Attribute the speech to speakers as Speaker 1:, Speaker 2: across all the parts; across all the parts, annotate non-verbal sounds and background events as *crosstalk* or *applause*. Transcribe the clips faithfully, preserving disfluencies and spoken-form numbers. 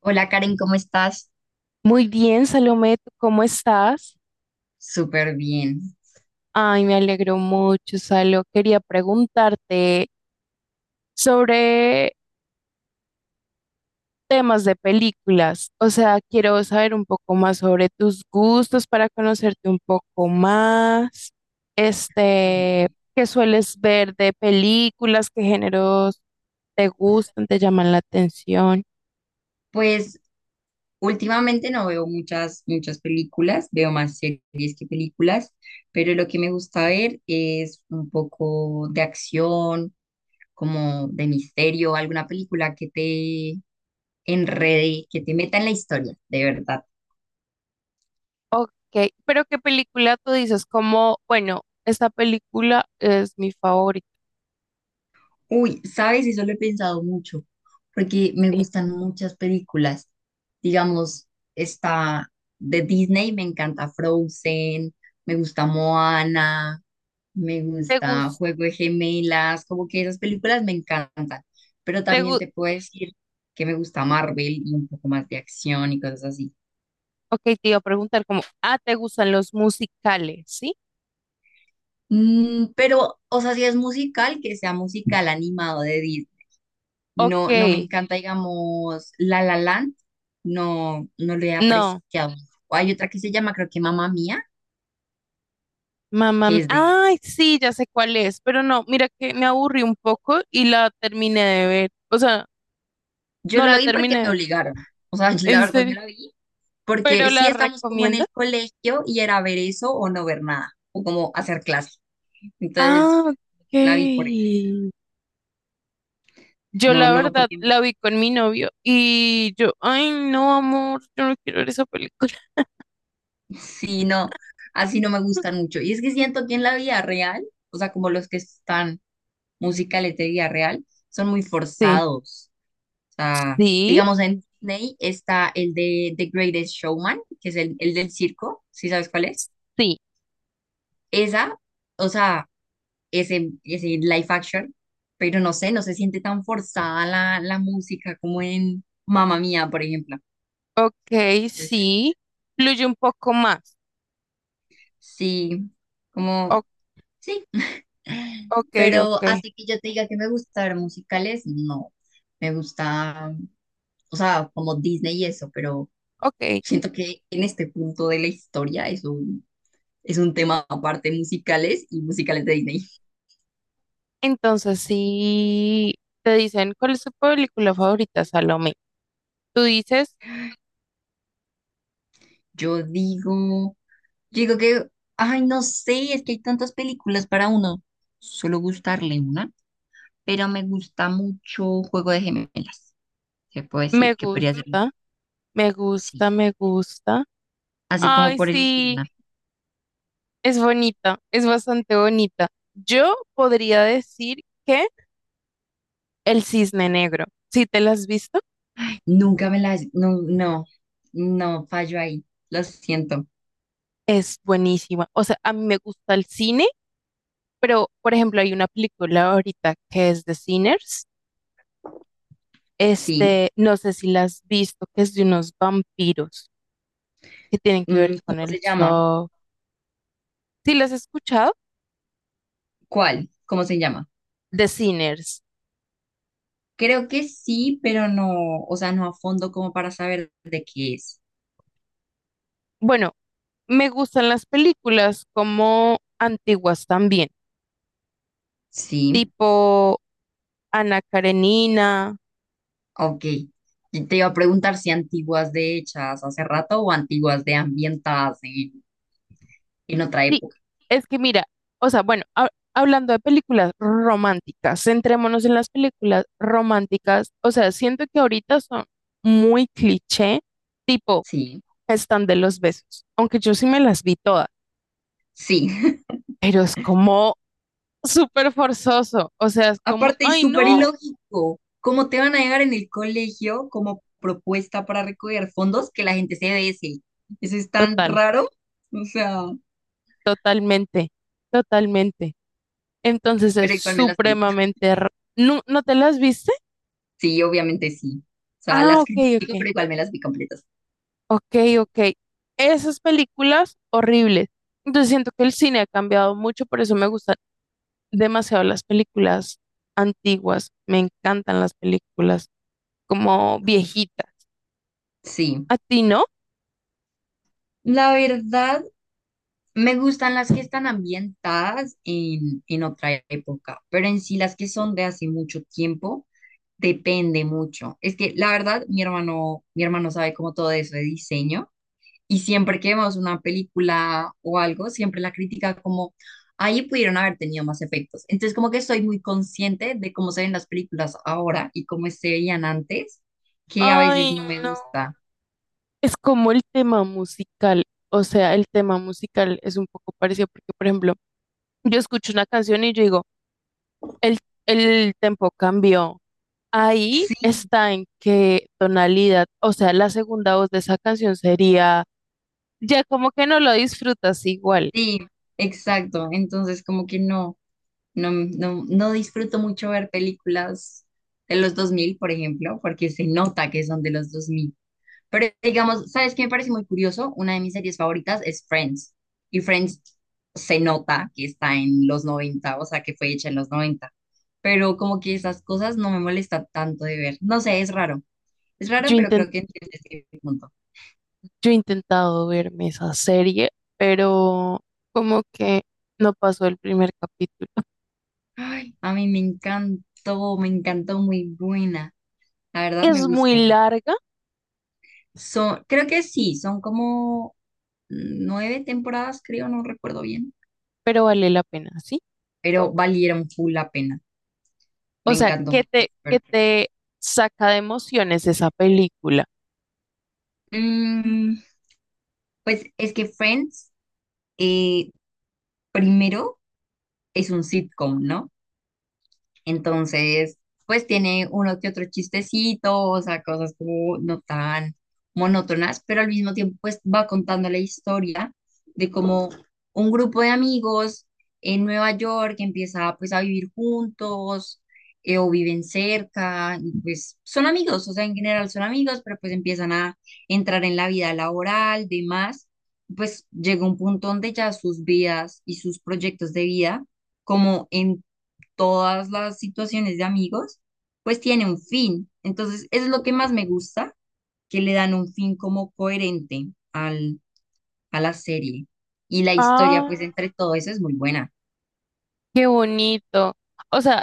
Speaker 1: Hola Karen, ¿cómo estás?
Speaker 2: Muy bien, Salomé, ¿tú ¿cómo estás?
Speaker 1: Súper bien.
Speaker 2: Ay, me alegro mucho, Salo. Quería preguntarte sobre temas de películas. O sea, quiero saber un poco más sobre tus gustos para conocerte un poco más.
Speaker 1: Ah,
Speaker 2: Este,
Speaker 1: bueno.
Speaker 2: ¿qué sueles ver de películas? ¿Qué géneros te gustan, te llaman la atención?
Speaker 1: Pues últimamente no veo muchas, muchas películas, veo más series que películas, pero lo que me gusta ver es un poco de acción, como de misterio, alguna película que te enrede, que te meta en la historia, de verdad.
Speaker 2: Ok, pero ¿qué película tú dices? Como, bueno, esta película es mi favorita.
Speaker 1: Uy, sabes, eso lo he pensado mucho, porque me gustan muchas películas. Digamos, está de Disney, me encanta Frozen, me gusta Moana, me
Speaker 2: ¿Te
Speaker 1: gusta
Speaker 2: gusta?
Speaker 1: Juego de Gemelas, como que esas películas me encantan. Pero también te puedo decir que me gusta Marvel y un poco más de acción y cosas así.
Speaker 2: Ok, te iba a preguntar como, ah, ¿te gustan los musicales? ¿Sí?
Speaker 1: Mm, pero, o sea, si es musical, que sea musical animado de Disney.
Speaker 2: Ok,
Speaker 1: No, no me encanta, digamos, La La Land, no, no lo he
Speaker 2: no,
Speaker 1: apreciado. O hay otra que se llama, creo que Mamá Mía,
Speaker 2: mamá,
Speaker 1: que
Speaker 2: mi-
Speaker 1: es de...
Speaker 2: ay, sí, ya sé cuál es, pero no, mira que me aburrí un poco y la terminé de ver, o sea,
Speaker 1: Yo
Speaker 2: no
Speaker 1: la
Speaker 2: la
Speaker 1: vi porque
Speaker 2: terminé de
Speaker 1: me
Speaker 2: ver,
Speaker 1: obligaron, o sea, *laughs* la
Speaker 2: en
Speaker 1: verdad me
Speaker 2: serio,
Speaker 1: la vi,
Speaker 2: *laughs*
Speaker 1: porque
Speaker 2: pero
Speaker 1: sí
Speaker 2: la
Speaker 1: estamos como en
Speaker 2: recomienda.
Speaker 1: el colegio y era ver eso o no ver nada, o como hacer clase. Entonces,
Speaker 2: Ah, ok.
Speaker 1: la vi por eso.
Speaker 2: Yo
Speaker 1: No,
Speaker 2: la
Speaker 1: no,
Speaker 2: verdad
Speaker 1: porque
Speaker 2: la vi con mi novio y yo, ay, no, amor, yo no quiero ver esa película.
Speaker 1: sí, no, así no me gustan
Speaker 2: *laughs*
Speaker 1: mucho. Y es que siento que en la vida real, o sea, como los que están musicales de vida real, son muy
Speaker 2: Sí,
Speaker 1: forzados sea,
Speaker 2: sí,
Speaker 1: digamos en Disney está el de The Greatest Showman, que es el, el del circo, ¿si sabes cuál es?
Speaker 2: sí,
Speaker 1: Esa, o sea, ese, ese live action, pero no sé, no se siente tan forzada la, la música como en Mamma Mía, por ejemplo.
Speaker 2: ok,
Speaker 1: Entonces,
Speaker 2: sí, fluye un poco más.
Speaker 1: sí,
Speaker 2: Ok.
Speaker 1: como, sí.
Speaker 2: Ok,
Speaker 1: Pero
Speaker 2: ok,
Speaker 1: así que yo te diga que me gusta ver musicales, no. Me gusta, o sea, como Disney y eso, pero
Speaker 2: ok.
Speaker 1: siento que en este punto de la historia eso es un tema aparte musicales y musicales de Disney.
Speaker 2: Entonces, si te dicen cuál es tu película favorita, Salomé, tú dices,
Speaker 1: Yo digo, yo digo que, ay, no sé, es que hay tantas películas para uno, solo gustarle una, pero me gusta mucho Juego de Gemelas. Se puede
Speaker 2: me
Speaker 1: decir que podría ser,
Speaker 2: gusta, me
Speaker 1: sí,
Speaker 2: gusta, me gusta.
Speaker 1: así como
Speaker 2: Ay,
Speaker 1: por elegir
Speaker 2: sí,
Speaker 1: una.
Speaker 2: es bonita, es bastante bonita. Yo podría decir que El Cisne Negro, si te la has visto,
Speaker 1: Nunca me las, no, no, no, fallo ahí, lo siento,
Speaker 2: es buenísima. O sea, a mí me gusta el cine, pero, por ejemplo, hay una película ahorita que es de Sinners.
Speaker 1: sí.
Speaker 2: Este, no sé si la has visto, que es de unos vampiros que tienen que ver
Speaker 1: Mm,
Speaker 2: con
Speaker 1: ¿cómo
Speaker 2: el
Speaker 1: se llama?
Speaker 2: soft. ¿Sí las has escuchado?
Speaker 1: ¿Cuál? ¿Cómo se llama?
Speaker 2: The Sinners.
Speaker 1: Creo que sí, pero no, o sea, no a fondo como para saber de qué es.
Speaker 2: Bueno, me gustan las películas como antiguas también,
Speaker 1: Sí.
Speaker 2: tipo Ana Karenina.
Speaker 1: Ok. Y te iba a preguntar si antiguas de hechas hace rato o antiguas de ambientadas en, en otra
Speaker 2: Sí,
Speaker 1: época.
Speaker 2: es que mira, o sea, bueno, ha- hablando de películas románticas, centrémonos en las películas románticas. O sea, siento que ahorita son muy cliché, tipo
Speaker 1: Sí,
Speaker 2: están de los besos, aunque yo sí me las vi todas,
Speaker 1: sí. *laughs*
Speaker 2: pero es como súper forzoso. O sea, es como,
Speaker 1: Aparte, es
Speaker 2: ay,
Speaker 1: súper
Speaker 2: no.
Speaker 1: ilógico. ¿Cómo te van a llegar en el colegio como propuesta para recoger fondos que la gente se dese? Eso es tan
Speaker 2: Total,
Speaker 1: raro. O sea,
Speaker 2: totalmente, totalmente. Entonces es
Speaker 1: pero igual me las vi.
Speaker 2: supremamente... r- ¿No, no te las viste?
Speaker 1: Sí, obviamente sí. O sea,
Speaker 2: Ah,
Speaker 1: las
Speaker 2: ok,
Speaker 1: critico,
Speaker 2: ok,
Speaker 1: pero igual me las vi completas.
Speaker 2: ok, ok. Esas películas horribles. Entonces siento que el cine ha cambiado mucho, por eso me gustan demasiado las películas antiguas. Me encantan las películas como viejitas.
Speaker 1: Sí.
Speaker 2: ¿A ti no?
Speaker 1: La verdad. Me gustan las que están ambientadas en, en otra época, pero en sí las que son de hace mucho tiempo, depende mucho. Es que la verdad, mi hermano, mi hermano sabe como todo eso de diseño y siempre que vemos una película o algo, siempre la critica como, ahí pudieron haber tenido más efectos. Entonces como que soy muy consciente de cómo se ven las películas ahora y cómo se veían antes, que a veces
Speaker 2: Ay,
Speaker 1: no me
Speaker 2: no.
Speaker 1: gusta.
Speaker 2: Es como el tema musical. O sea, el tema musical es un poco parecido porque, por ejemplo, yo escucho una canción y yo digo, El, el tempo cambió. Ahí
Speaker 1: Sí,
Speaker 2: está en qué tonalidad, o sea, la segunda voz de esa canción sería, ya como que no lo disfrutas igual.
Speaker 1: sí, exacto. Entonces como que no. No, no, no disfruto mucho ver películas de los dos mil por ejemplo, porque se nota que son de los dos mil. Pero digamos, ¿sabes qué me parece muy curioso? Una de mis series favoritas es Friends. Y Friends se nota que está en los noventa, o sea, que fue hecha en los noventa. Pero como que esas cosas no me molesta tanto de ver. No sé, es raro. Es raro,
Speaker 2: Yo,
Speaker 1: pero
Speaker 2: inten-
Speaker 1: creo que entiendes mi punto.
Speaker 2: yo he intentado verme esa serie, pero como que no pasó el primer capítulo. *laughs*
Speaker 1: Ay, a mí me encantó, me encantó, muy buena. La verdad me
Speaker 2: Es
Speaker 1: gustó
Speaker 2: muy
Speaker 1: mucho.
Speaker 2: larga,
Speaker 1: Son, creo que sí, son como nueve temporadas, creo, no recuerdo bien,
Speaker 2: pero vale la pena, ¿sí?
Speaker 1: pero valieron full la pena.
Speaker 2: O
Speaker 1: Me
Speaker 2: sea, que
Speaker 1: encantó.
Speaker 2: te, que
Speaker 1: Perfecto.
Speaker 2: te saca de emociones esa película.
Speaker 1: Mm, pues es que Friends, eh, primero, es un sitcom, ¿no? Entonces, pues tiene uno que otro chistecito, o sea, cosas como no tan monótonas, pero al mismo tiempo pues va contando la historia de cómo un grupo de amigos en Nueva York empieza pues a vivir juntos, eh, o viven cerca y pues son amigos, o sea, en general son amigos, pero pues empiezan a entrar en la vida laboral, demás, pues llega un punto donde ya sus vidas y sus proyectos de vida, como en todas las situaciones de amigos, pues tiene un fin. Entonces, eso es lo que más me gusta, que le dan un fin como coherente al, a la serie. Y la historia,
Speaker 2: Ah,
Speaker 1: pues entre todo eso es muy buena.
Speaker 2: qué bonito. O sea,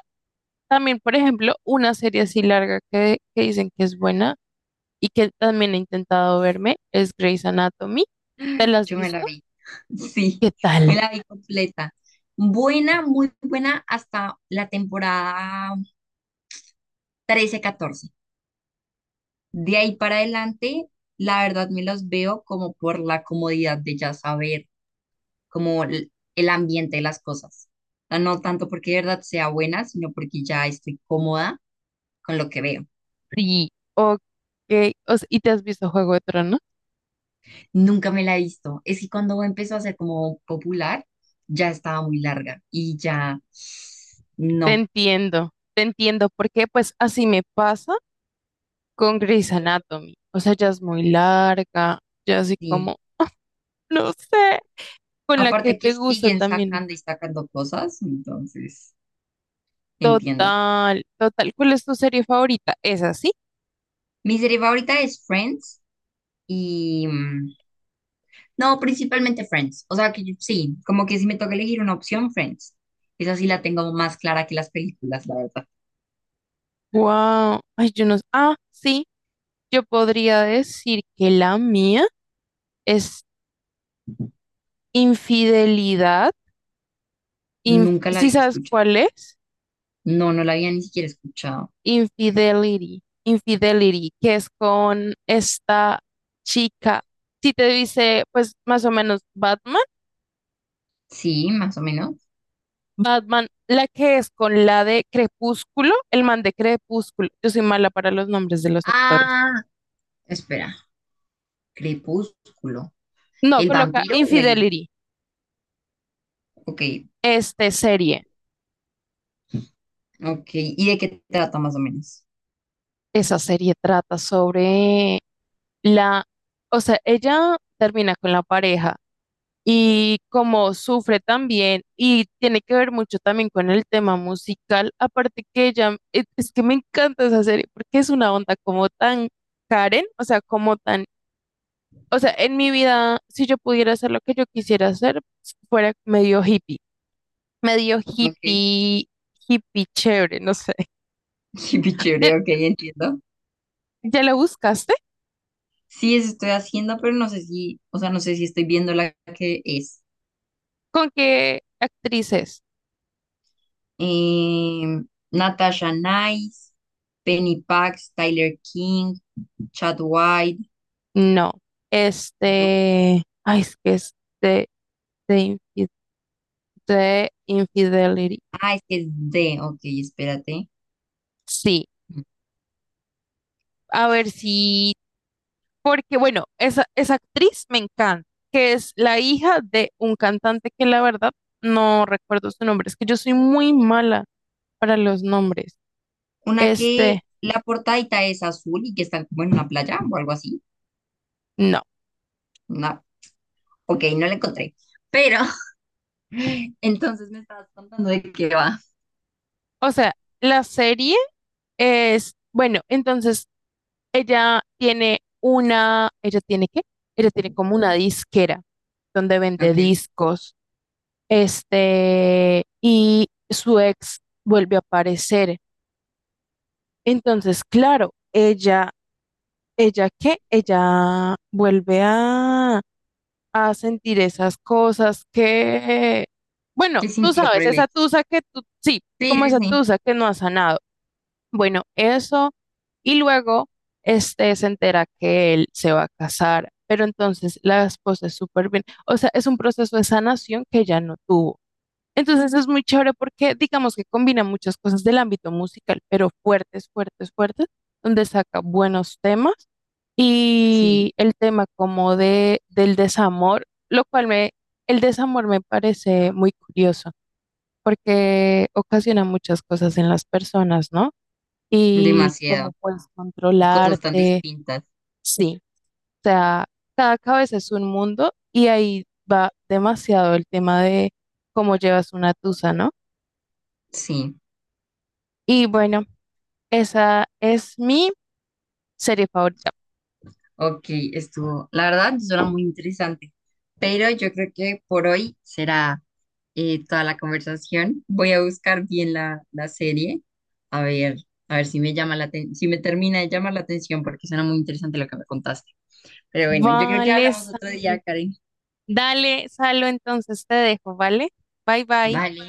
Speaker 2: también, por ejemplo, una serie así larga que, que dicen que es buena y que también he intentado verme es Grey's Anatomy. ¿Te la has
Speaker 1: Yo me la
Speaker 2: visto?
Speaker 1: vi, *laughs* sí,
Speaker 2: ¿Qué
Speaker 1: me
Speaker 2: tal?
Speaker 1: la vi completa. Buena, muy buena hasta la temporada trece, catorce. De ahí para adelante, la verdad me los veo como por la comodidad de ya saber como el el ambiente de las cosas. O sea, no tanto porque de verdad sea buena, sino porque ya estoy cómoda con lo que veo.
Speaker 2: Sí. Ok. O sea, ¿y te has visto Juego de Tronos?
Speaker 1: Nunca me la he visto. Es que cuando empezó a ser como popular, ya estaba muy larga y ya
Speaker 2: Te
Speaker 1: no.
Speaker 2: entiendo, te entiendo, porque pues así me pasa con Grey's Anatomy. O sea, ya es muy larga, ya así
Speaker 1: Sí.
Speaker 2: como, no sé, con la que
Speaker 1: Aparte que
Speaker 2: te gusta
Speaker 1: siguen
Speaker 2: también.
Speaker 1: sacando y sacando cosas, entonces entiendo.
Speaker 2: Total, total. ¿Cuál es tu serie favorita? ¿Esa sí?
Speaker 1: Mi serie favorita es Friends y... mm, no, principalmente Friends. O sea que yo- sí, como que si me toca elegir una opción, Friends. Esa sí la tengo más clara que las películas, la verdad.
Speaker 2: Wow. Ay, yo no. s- Ah, sí. Yo podría decir que la mía es Infidelidad. Inf-
Speaker 1: Nunca la
Speaker 2: ¿Sí
Speaker 1: había
Speaker 2: sabes
Speaker 1: escuchado.
Speaker 2: cuál es?
Speaker 1: No, no la había ni siquiera escuchado.
Speaker 2: Infidelity. Infidelity, que es con esta chica. Si te dice, pues más o menos Batman.
Speaker 1: Sí, más o menos.
Speaker 2: Batman, la que es con la de Crepúsculo, el man de Crepúsculo. Yo soy mala para los nombres de los actores.
Speaker 1: Ah, espera. Crepúsculo.
Speaker 2: No,
Speaker 1: ¿El
Speaker 2: coloca
Speaker 1: vampiro o el...?
Speaker 2: Infidelity,
Speaker 1: Ok,
Speaker 2: este serie.
Speaker 1: ok. ¿Y de qué trata más o menos?
Speaker 2: Esa serie trata sobre la, o sea, ella termina con la pareja y como sufre también y tiene que ver mucho también con el tema musical, aparte que ella, e- es que me encanta esa serie porque es una onda como tan Karen, o sea, como tan. O sea, en mi vida, si yo pudiera hacer lo que yo quisiera hacer, fuera medio hippie, medio
Speaker 1: Ok. *laughs*
Speaker 2: hippie, hippie chévere, no sé. *laughs*
Speaker 1: Qué
Speaker 2: ¿Ya,
Speaker 1: chévere, ok, entiendo.
Speaker 2: ya lo buscaste?
Speaker 1: Sí, eso estoy haciendo, pero no sé si, o sea, no sé si estoy viendo la que es.
Speaker 2: ¿Con qué actrices?
Speaker 1: Em, Natasha Nice, Penny Pax, Tyler King, Chad White.
Speaker 2: No.
Speaker 1: No,
Speaker 2: Este, ay, es que es de, de, infi- de Infidelity.
Speaker 1: ah, es que es de, ok, espérate.
Speaker 2: Sí,
Speaker 1: Mm.
Speaker 2: a ver si, porque bueno, esa, esa actriz me encanta, que es la hija de un cantante que la verdad no recuerdo su nombre, es que yo soy muy mala para los nombres.
Speaker 1: Una que
Speaker 2: Este,
Speaker 1: la portadita es azul y que están como en una playa o algo así.
Speaker 2: no.
Speaker 1: No, ok, no la encontré. Pero, *laughs* entonces, ¿contando de qué va?
Speaker 2: O sea, la serie es, bueno, entonces ella tiene una, ella tiene qué? Ella tiene como una disquera donde vende
Speaker 1: Ok,
Speaker 2: discos. Este, y su ex vuelve a aparecer. Entonces, claro, ella, ella qué? Ella vuelve a a sentir esas cosas que, bueno,
Speaker 1: ¿qué
Speaker 2: tú
Speaker 1: sintió por
Speaker 2: sabes,
Speaker 1: el
Speaker 2: esa
Speaker 1: ex?
Speaker 2: tusa que tú, sí,
Speaker 1: Sí,
Speaker 2: como
Speaker 1: sí,
Speaker 2: esa
Speaker 1: sí.
Speaker 2: tusa que no ha sanado. Bueno, eso, y luego este se entera que él se va a casar, pero entonces la esposa es súper bien, o sea, es un proceso de sanación que ya no tuvo. Entonces es muy chévere porque digamos que combina muchas cosas del ámbito musical, pero fuertes, fuertes, fuertes, donde saca buenos temas
Speaker 1: Sí,
Speaker 2: y el tema como de, del desamor, lo cual me, el desamor me parece muy curioso porque ocasiona muchas cosas en las personas, ¿no? Y cómo
Speaker 1: demasiado.
Speaker 2: puedes
Speaker 1: Y cosas tan
Speaker 2: controlarte,
Speaker 1: distintas.
Speaker 2: sí. O sea, cada cabeza es un mundo y ahí va demasiado el tema de cómo llevas una tusa, ¿no?
Speaker 1: Sí,
Speaker 2: Y bueno, esa es mi serie favorita.
Speaker 1: ok, estuvo. La verdad, suena muy interesante. Pero yo creo que por hoy será. Eh, toda la conversación. Voy a buscar bien la, la serie, a ver, a ver si me llama la aten- si me termina de llamar la atención, porque suena muy interesante lo que me contaste. Pero bueno, yo creo que
Speaker 2: Vale,
Speaker 1: hablamos otro
Speaker 2: Salo.
Speaker 1: día, Karen.
Speaker 2: Dale, Salo, entonces te dejo, ¿vale? Bye, bye.
Speaker 1: Vale,